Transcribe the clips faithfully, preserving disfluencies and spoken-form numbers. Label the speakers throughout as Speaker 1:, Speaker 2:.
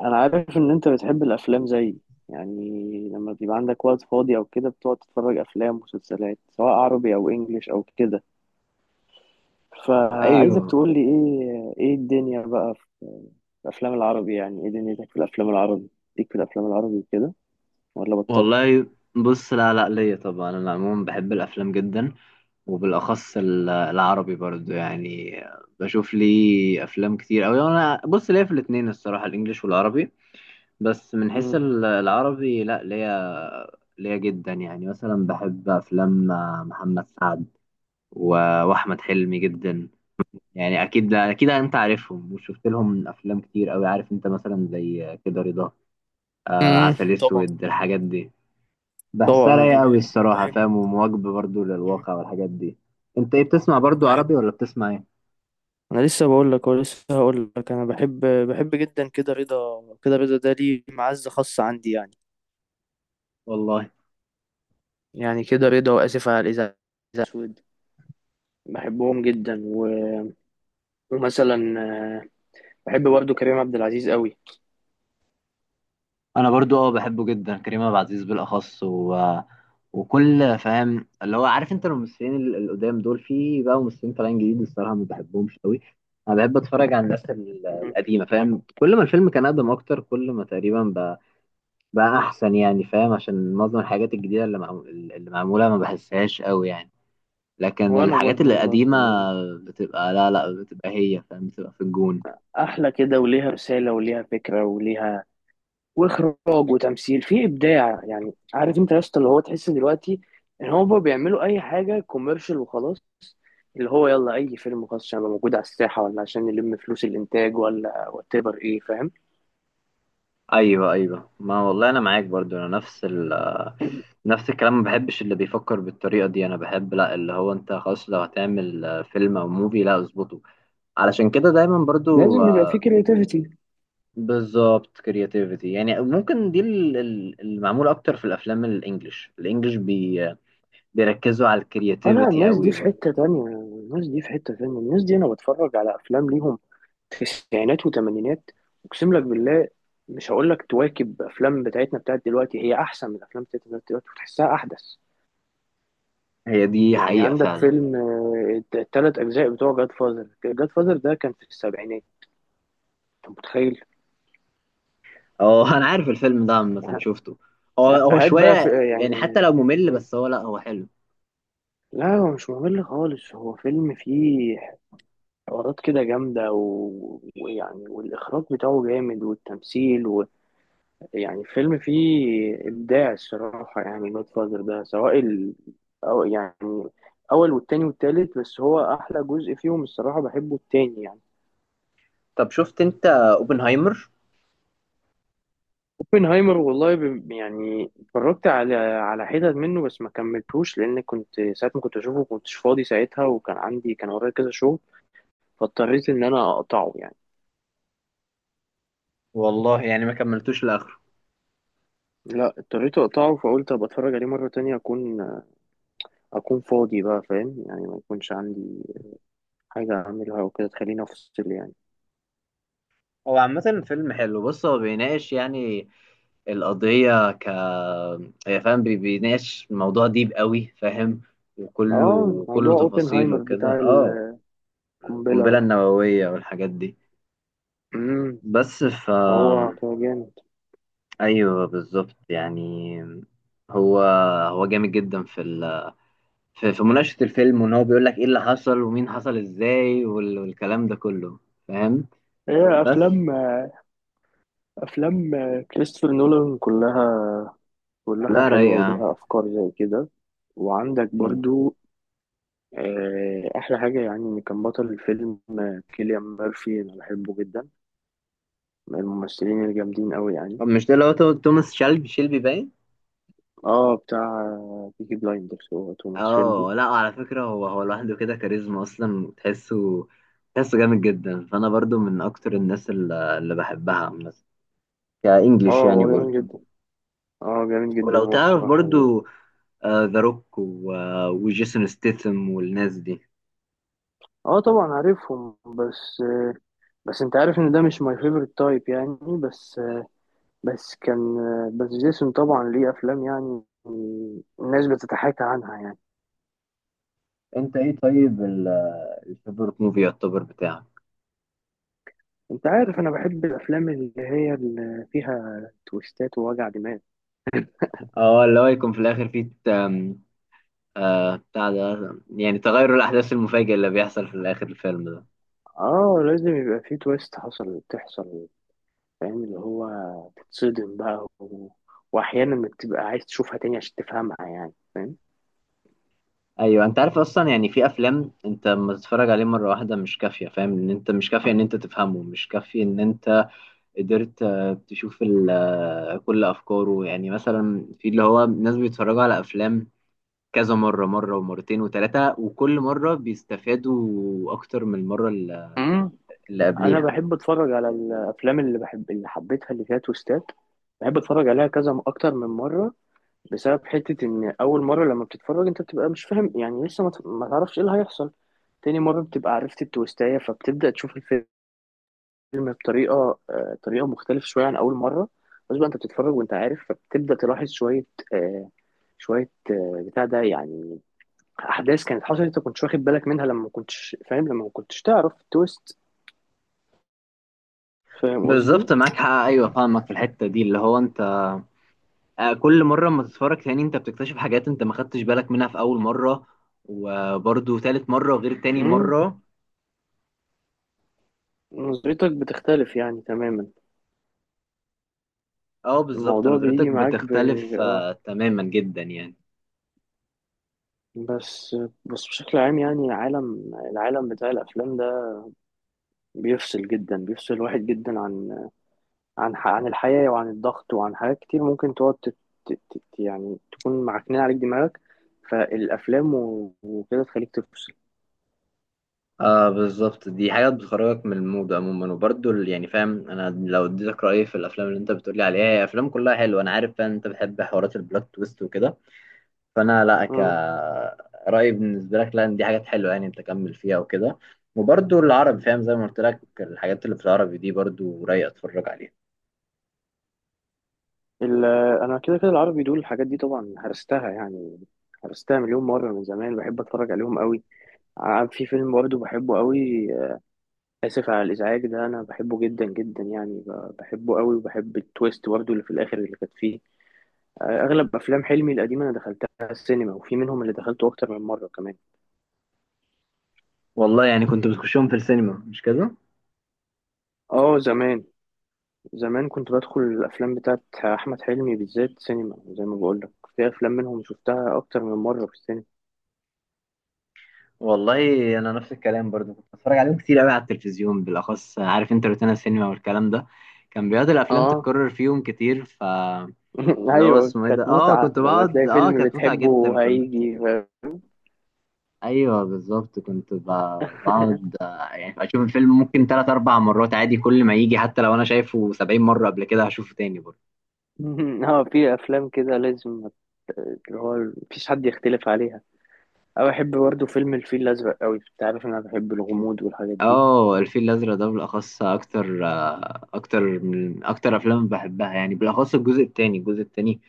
Speaker 1: انا عارف ان انت بتحب الافلام زيي، يعني لما بيبقى عندك وقت فاضي او كده بتقعد تتفرج افلام ومسلسلات، سواء عربي او انجليش او كده، فعايزك
Speaker 2: ايوه،
Speaker 1: تقول لي ايه ايه الدنيا بقى في الافلام العربي، يعني ايه دنيتك في الافلام العربي، ليك في الافلام العربي كده، ولا بطلت؟
Speaker 2: والله. بص، لا لا ليا طبعا. انا عموما بحب الافلام جدا، وبالاخص ال- العربي برضو. يعني بشوف لي افلام كتير اوي. انا بص، ليا في الاتنين الصراحه، الانجليش والعربي. بس من حيث
Speaker 1: امم
Speaker 2: ال- العربي، لا، ليا ليا جدا. يعني مثلا بحب افلام محمد سعد و- واحمد حلمي جدا. يعني اكيد اكيد انت عارفهم، وشفت لهم افلام كتير اوي. عارف انت مثلا زي كده رضا، آه
Speaker 1: امم
Speaker 2: عسل
Speaker 1: طبعا
Speaker 2: اسود، الحاجات دي.
Speaker 1: طبعا
Speaker 2: بحسها
Speaker 1: انا
Speaker 2: رايقة أوي
Speaker 1: بحب
Speaker 2: الصراحة،
Speaker 1: بحب
Speaker 2: فاهم؟ ومواكبة برضو
Speaker 1: مم.
Speaker 2: للواقع والحاجات دي. أنت إيه بتسمع؟ برضو عربي
Speaker 1: بحب،
Speaker 2: ولا بتسمع إيه؟
Speaker 1: انا لسه بقول لك ولسه هقول لك انا بحب بحب جدا كده رضا، كده رضا ده ليه معزة خاصة عندي يعني،
Speaker 2: والله.
Speaker 1: يعني كده رضا واسف على الازعاج، بحبهم جدا و... ومثلا آه، بحب برضو كريم عبد العزيز قوي.
Speaker 2: أنا برضو أه بحبه جدا، كريم عبد العزيز بالأخص، و... وكل، فاهم؟ اللي هو عارف أنت الممثلين ال- القدام دول. في بقى ممثلين طالعين جديد الصراحة ما بحبهمش أوي. أنا بحب أتفرج على الناس ال-
Speaker 1: مم.
Speaker 2: القديمة، فاهم؟ كل ما الفيلم كان أقدم أكتر، كل ما تقريبا بقى, بقى أحسن يعني. فاهم؟ عشان معظم الحاجات الجديدة اللي, معمو... اللي معمولة ما بحسهاش أوي يعني. لكن
Speaker 1: وانا
Speaker 2: الحاجات
Speaker 1: برضو
Speaker 2: اللي قديمة
Speaker 1: والله
Speaker 2: بتبقى، لا لا، بتبقى هي، فاهم؟ بتبقى في الجون.
Speaker 1: احلى كده، وليها رسالة وليها فكرة وليها واخراج وتمثيل في ابداع، يعني عارف انت يا اسطى اللي هو تحس دلوقتي ان هو بيعملوا اي حاجة كوميرشال وخلاص، اللي هو يلا اي فيلم خاص عشان يبقى موجود على الساحة، ولا عشان نلم فلوس الانتاج، ولا وات ايفر، ايه فاهم.
Speaker 2: ايوه ايوه، ما والله انا معاك برضو. انا نفس ال آه، نفس الكلام، ما بحبش اللي بيفكر بالطريقة دي. انا بحب لا، اللي هو انت خلاص لو هتعمل آه، فيلم او موفي، لا اظبطه. علشان كده دايما برضو
Speaker 1: لازم يبقى في
Speaker 2: آه،
Speaker 1: كرياتيفيتي.
Speaker 2: بالظبط، كرياتيفيتي. يعني ممكن دي ال- ال- المعمول اكتر في الافلام الانجليش. الانجليش بي بيركزوا على
Speaker 1: اه لا،
Speaker 2: الكرياتيفيتي
Speaker 1: الناس دي
Speaker 2: قوي
Speaker 1: في
Speaker 2: برضو.
Speaker 1: حتة تانية، الناس دي في حتة تانية، الناس دي انا بتفرج على افلام ليهم تسعينات وتمانينات، اقسم لك بالله. مش هقول لك تواكب افلام بتاعتنا بتاعت دلوقتي، هي احسن من الافلام بتاعتنا دلوقتي وتحسها احدث.
Speaker 2: هي دي
Speaker 1: يعني
Speaker 2: حقيقة
Speaker 1: عندك
Speaker 2: فعلا.
Speaker 1: فيلم الثلاث اجزاء بتوع جاد فازر، جاد فازر ده كان في السبعينات، انت متخيل؟
Speaker 2: اه، انا عارف الفيلم ده، عامة شفته. هو هو
Speaker 1: هات بقى في
Speaker 2: شوية
Speaker 1: آه،
Speaker 2: يعني، حتى
Speaker 1: يعني.
Speaker 2: لو ممل،
Speaker 1: مم.
Speaker 2: بس هو، لا هو حلو.
Speaker 1: لا هو مش ممل خالص، هو فيلم فيه حوارات كده جامدة و- ويعني، والإخراج بتاعه جامد والتمثيل، يعني فيلم فيه إبداع الصراحة. يعني جود فاذر ده سواء ال... أو يعني أول والتاني والتالت، بس هو أحلى جزء فيهم الصراحة بحبه التاني يعني.
Speaker 2: طب شفت انت اوبنهايمر؟
Speaker 1: اوبنهايمر والله ب... يعني اتفرجت على على حتت منه، بس ما كملتوش لأن كنت، ساعة ما كنت أشوفه كنتش فاضي ساعتها، وكان عندي، كان ورايا كذا شغل، فاضطريت إن أنا أقطعه يعني.
Speaker 2: والله يعني ما كملتوش لاخره.
Speaker 1: لا اضطريت أقطعه، فقلت أبقى أتفرج عليه مرة تانية أكون، أكون فاضي بقى فاهم، يعني ما يكونش عندي حاجة أعملها وكده تخليني أفصل يعني.
Speaker 2: هو عامة فيلم حلو. بص، هو بيناقش يعني القضية ك يا فاهم، بي- بيناقش موضوع ديب قوي، فاهم؟
Speaker 1: اه،
Speaker 2: وكله كله
Speaker 1: موضوع
Speaker 2: تفاصيل
Speaker 1: اوبنهايمر
Speaker 2: وكده.
Speaker 1: بتاع
Speaker 2: اه
Speaker 1: القنبلة
Speaker 2: القنبلة
Speaker 1: و...
Speaker 2: النووية والحاجات دي.
Speaker 1: مم.
Speaker 2: بس ف
Speaker 1: هو كان جامد.
Speaker 2: ايوه بالظبط يعني. هو هو جامد جدا في ال في في مناقشة الفيلم، وان هو بيقول لك ايه اللي حصل، ومين حصل ازاي، وال- والكلام ده كله، فاهم؟
Speaker 1: هي
Speaker 2: بس،
Speaker 1: افلام، افلام كريستوفر نولان كلها، كلها
Speaker 2: لا
Speaker 1: حلوة
Speaker 2: رايقة.
Speaker 1: وليها افكار زي كده. وعندك
Speaker 2: مم.
Speaker 1: برضو آه، احلى حاجة يعني ان كان بطل الفيلم آه، كيليان ميرفي، انا بحبه جدا، من الممثلين الجامدين قوي يعني.
Speaker 2: طب مش ده اللي هو تو- توماس شيلبي شيلبي باين؟
Speaker 1: اه بتاع بيكي بلايندرز، هو توماس شيلبي.
Speaker 2: اه. لا على فكرة، هو هو لوحده كده كاريزما اصلا. تحسه تحسه جامد جدا. فانا برضو من اكتر الناس اللي, اللي بحبها مثلا، كانجليش
Speaker 1: اه
Speaker 2: يعني
Speaker 1: هو جامد
Speaker 2: برضو.
Speaker 1: جدا، اه جامد
Speaker 2: ولو
Speaker 1: جدا هو
Speaker 2: تعرف
Speaker 1: الصراحة هو.
Speaker 2: برضو، ذا روك وجيسون ستيثم والناس دي.
Speaker 1: اه طبعا عارفهم، بس بس انت عارف ان ده مش ماي فيفورت تايب يعني. بس بس كان بس جيسون طبعا ليه افلام يعني الناس بتتحاكى عنها يعني.
Speaker 2: انت ايه طيب، الفيفورت موفي يعتبر بتاعك؟
Speaker 1: انت عارف انا بحب الافلام اللي هي اللي فيها تويستات ووجع دماغ.
Speaker 2: اه، اللي هو يكون في الاخر فيه ت- آم، آه بتاع ده يعني، تغير الاحداث المفاجئ اللي بيحصل في الاخر الفيلم ده.
Speaker 1: اه لازم يبقى في تويست، حصل تحصل، فاهم اللي هو تتصدم بقى و... واحيانا بتبقى عايز تشوفها تاني عشان تفهمها يعني، فاهم.
Speaker 2: ايوه، انت عارف اصلا يعني. في افلام انت لما تتفرج عليه مره واحده مش كافيه، فاهم؟ ان انت مش كافيه ان انت تفهمه، مش كافيه ان انت قدرت آه، تشوف ال- آه، كل افكاره. يعني مثلا في اللي هو ناس بيتفرجوا على افلام كذا مره، مره ومرتين وثلاثه، وكل مره بيستفادوا اكتر من المره اللي
Speaker 1: امم
Speaker 2: اللي
Speaker 1: انا
Speaker 2: قبليها.
Speaker 1: بحب اتفرج على الافلام، اللي بحب اللي حبيتها اللي فيها تويستات، بحب اتفرج عليها كذا اكتر من مره. بسبب حتة إن أول مرة لما بتتفرج أنت بتبقى مش فاهم يعني، لسه ما ت- ما تعرفش إيه اللي هيحصل. تاني مرة بتبقى عرفت التويستاية، فبتبدأ تشوف الفيلم بطريقة، آه، طريقة مختلفة شوية عن أول مرة. بس بقى أنت بتتفرج وأنت عارف، فبتبدأ تلاحظ شوية آه، شوية آه، بتاع ده يعني، أحداث كانت حصلت أنت كنتش واخد بالك منها لما ما كنتش فاهم، لما ما كنتش تعرف التويست. فاهم قصدي؟
Speaker 2: بالظبط، معاك حق، ايوه فاهمك في الحته دي. اللي هو انت، آه، كل مرة اما تتفرج تاني انت بتكتشف حاجات انت ما خدتش بالك منها في اول مرة. وبرضو تالت مرة غير تاني
Speaker 1: مم،
Speaker 2: مرة.
Speaker 1: نظرتك بتختلف يعني تماما.
Speaker 2: اه بالظبط،
Speaker 1: الموضوع
Speaker 2: نظرتك
Speaker 1: بيجي معاك ب...
Speaker 2: بتختلف
Speaker 1: آه
Speaker 2: آه تماما جدا يعني.
Speaker 1: بس بس بشكل عام، يعني عالم، العالم بتاع الافلام ده بيفصل جدا، بيفصل الواحد جدا عن، عن ح- عن الحياه وعن الضغط وعن حاجات كتير ممكن تقعد تت- تت- تت- يعني تكون معكنين عليك دماغك، فالافلام و- وكده تخليك تفصل.
Speaker 2: اه بالظبط، دي حاجة بتخرجك من المود عموما. وبرضو ال- يعني فاهم، انا لو اديتك رأيي في الافلام اللي انت بتقولي عليها، هي افلام كلها حلوة. انا عارف فاهم انت بتحب حوارات البلوت تويست وكده. فانا لا،
Speaker 1: مم.
Speaker 2: كرأيي بالنسبه لك، لا، إن دي حاجات حلوه يعني، انت كمل فيها وكده. وبرضو العربي، فاهم؟ زي ما قلت لك الحاجات اللي في العربي دي برضو رايق اتفرج عليها.
Speaker 1: ال- انا كده كده العربي دول الحاجات دي طبعا هرستها يعني، هرستها مليون مره من زمان، بحب اتفرج عليهم قوي. ع- في فيلم برضه بحبه قوي، آسف على الإزعاج ده، أنا بحبه جدا جدا يعني ب- بحبه قوي، وبحب التويست برضه اللي في الآخر اللي كانت فيه. آه، أغلب أفلام حلمي القديمة أنا دخلتها السينما، وفي منهم اللي دخلته أكتر من مرة كمان.
Speaker 2: والله يعني كنت بتخشهم في السينما، مش كده؟
Speaker 1: آه زمان، زمان كنت بدخل الأفلام بتاعت أحمد حلمي بالذات سينما، زي ما بقولك، في أفلام منهم شفتها أكتر من مرة في السينما.
Speaker 2: والله انا نفس الكلام برضو، كنت بتفرج عليهم كتير قوي على التلفزيون، بالاخص عارف انت روتانا السينما والكلام ده. كان بيقعد الافلام
Speaker 1: آه
Speaker 2: تتكرر فيهم كتير. ف اللي هو
Speaker 1: أيوة
Speaker 2: اسمه ايه ده،
Speaker 1: كانت
Speaker 2: اه
Speaker 1: متعة
Speaker 2: كنت
Speaker 1: لما
Speaker 2: بقعد.
Speaker 1: تلاقي
Speaker 2: اه
Speaker 1: فيلم
Speaker 2: كانت متعه جدا.
Speaker 1: بتحبه
Speaker 2: كنت
Speaker 1: هيجي ف...
Speaker 2: ايوه بالظبط. كنت ب- بقعد، آه، يعني اشوف الفيلم ممكن ثلاث اربع مرات عادي، كل ما يجي. حتى لو انا شايفه سبعين مره قبل كده هشوفه تاني برضه.
Speaker 1: اه في افلام كده لازم، اللي هو مفيش حد يختلف عليها. أو أحب برضه فيلم الفيل الأزرق أوي، أنت عارف إن أنا بحب الغموض والحاجات دي.
Speaker 2: اه، الفيل الازرق ده بالاخص، اكتر آه، اكتر من اكتر افلام بحبها يعني، بالاخص الجزء التاني الجزء التاني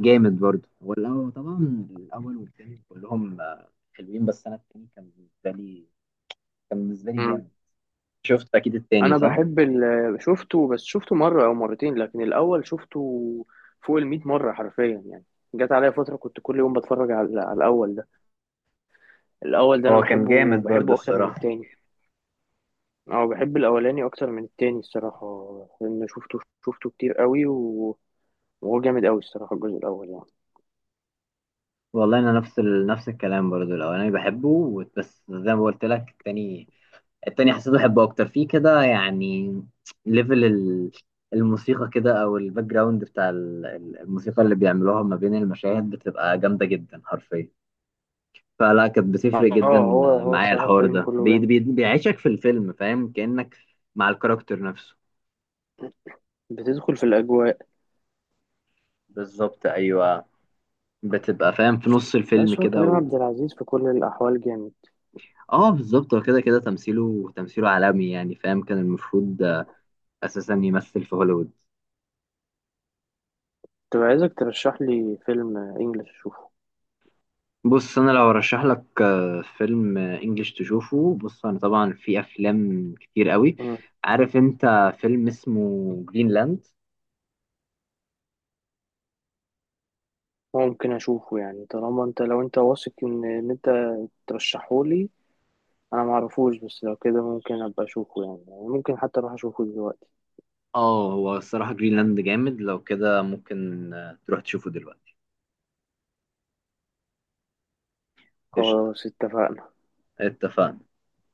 Speaker 2: جامد برضه. والاول طبعا، الاول والتاني كلهم آه، حلوين. بس انا التاني كان بالنسبه لي كان بالنسبه لي
Speaker 1: مم.
Speaker 2: جامد. شفت اكيد التاني،
Speaker 1: أنا
Speaker 2: صح؟
Speaker 1: بحب ال... شفته، بس شفته مرة أو مرتين، لكن الأول شفته فوق المية مرة حرفيا يعني. جت عليا فترة كنت كل يوم بتفرج على، على الأول ده. الأول ده أنا
Speaker 2: هو كان
Speaker 1: بحبه
Speaker 2: جامد برضه
Speaker 1: بحبه أكتر من
Speaker 2: الصراحه.
Speaker 1: التاني. أو بحب الأولاني أكتر من التاني الصراحة، لأن شفته شفته كتير أوي و... وهو جامد أوي الصراحة، الجزء الأول يعني.
Speaker 2: والله انا نفس ال... نفس الكلام برضو، الاولاني بحبه، و- بس زي ما قلت لك التاني التاني حسيت بحبه اكتر فيه كده يعني. ليفل ال... الموسيقى كده، او الباك جراوند بتاع ال- ال- الموسيقى اللي بيعملوها ما بين المشاهد بتبقى جامده جدا حرفيا. فلا، كانت بتفرق جدا
Speaker 1: آه هو هو
Speaker 2: معايا.
Speaker 1: الصراحة
Speaker 2: الحوار
Speaker 1: الفيلم
Speaker 2: ده
Speaker 1: كله
Speaker 2: بي...
Speaker 1: جامد.
Speaker 2: بي... بيعيشك في الفيلم، فاهم؟ كأنك مع الكاركتر نفسه.
Speaker 1: بتدخل في الأجواء.
Speaker 2: بالظبط ايوه. بتبقى فاهم في نص الفيلم
Speaker 1: بس هو
Speaker 2: كده
Speaker 1: كريم
Speaker 2: و...
Speaker 1: عبد العزيز في كل الأحوال جامد.
Speaker 2: اه بالظبط. هو كده كده، تمثيله تمثيله عالمي يعني، فاهم؟ كان المفروض اساسا يمثل في هوليوود.
Speaker 1: كنت عايزك ترشح لي فيلم انجلش اشوفه.
Speaker 2: بص، انا لو ارشح لك آه، فيلم آه، انجليش تشوفه. بص انا طبعا في افلام كتير قوي.
Speaker 1: مم.
Speaker 2: عارف انت فيلم اسمه جرينلاند.
Speaker 1: ممكن اشوفه يعني، طالما انت، لو انت واثق ان ان انت ترشحه لي، انا معرفوش، بس لو كده ممكن ابقى اشوفه يعني، يعني ممكن حتى اروح اشوفه دلوقتي.
Speaker 2: اه، هو الصراحة جرينلاند جامد. لو كده ممكن آه، تروح تشوفه دلوقتي. قشطة،
Speaker 1: خلاص اتفقنا.
Speaker 2: اتفقنا.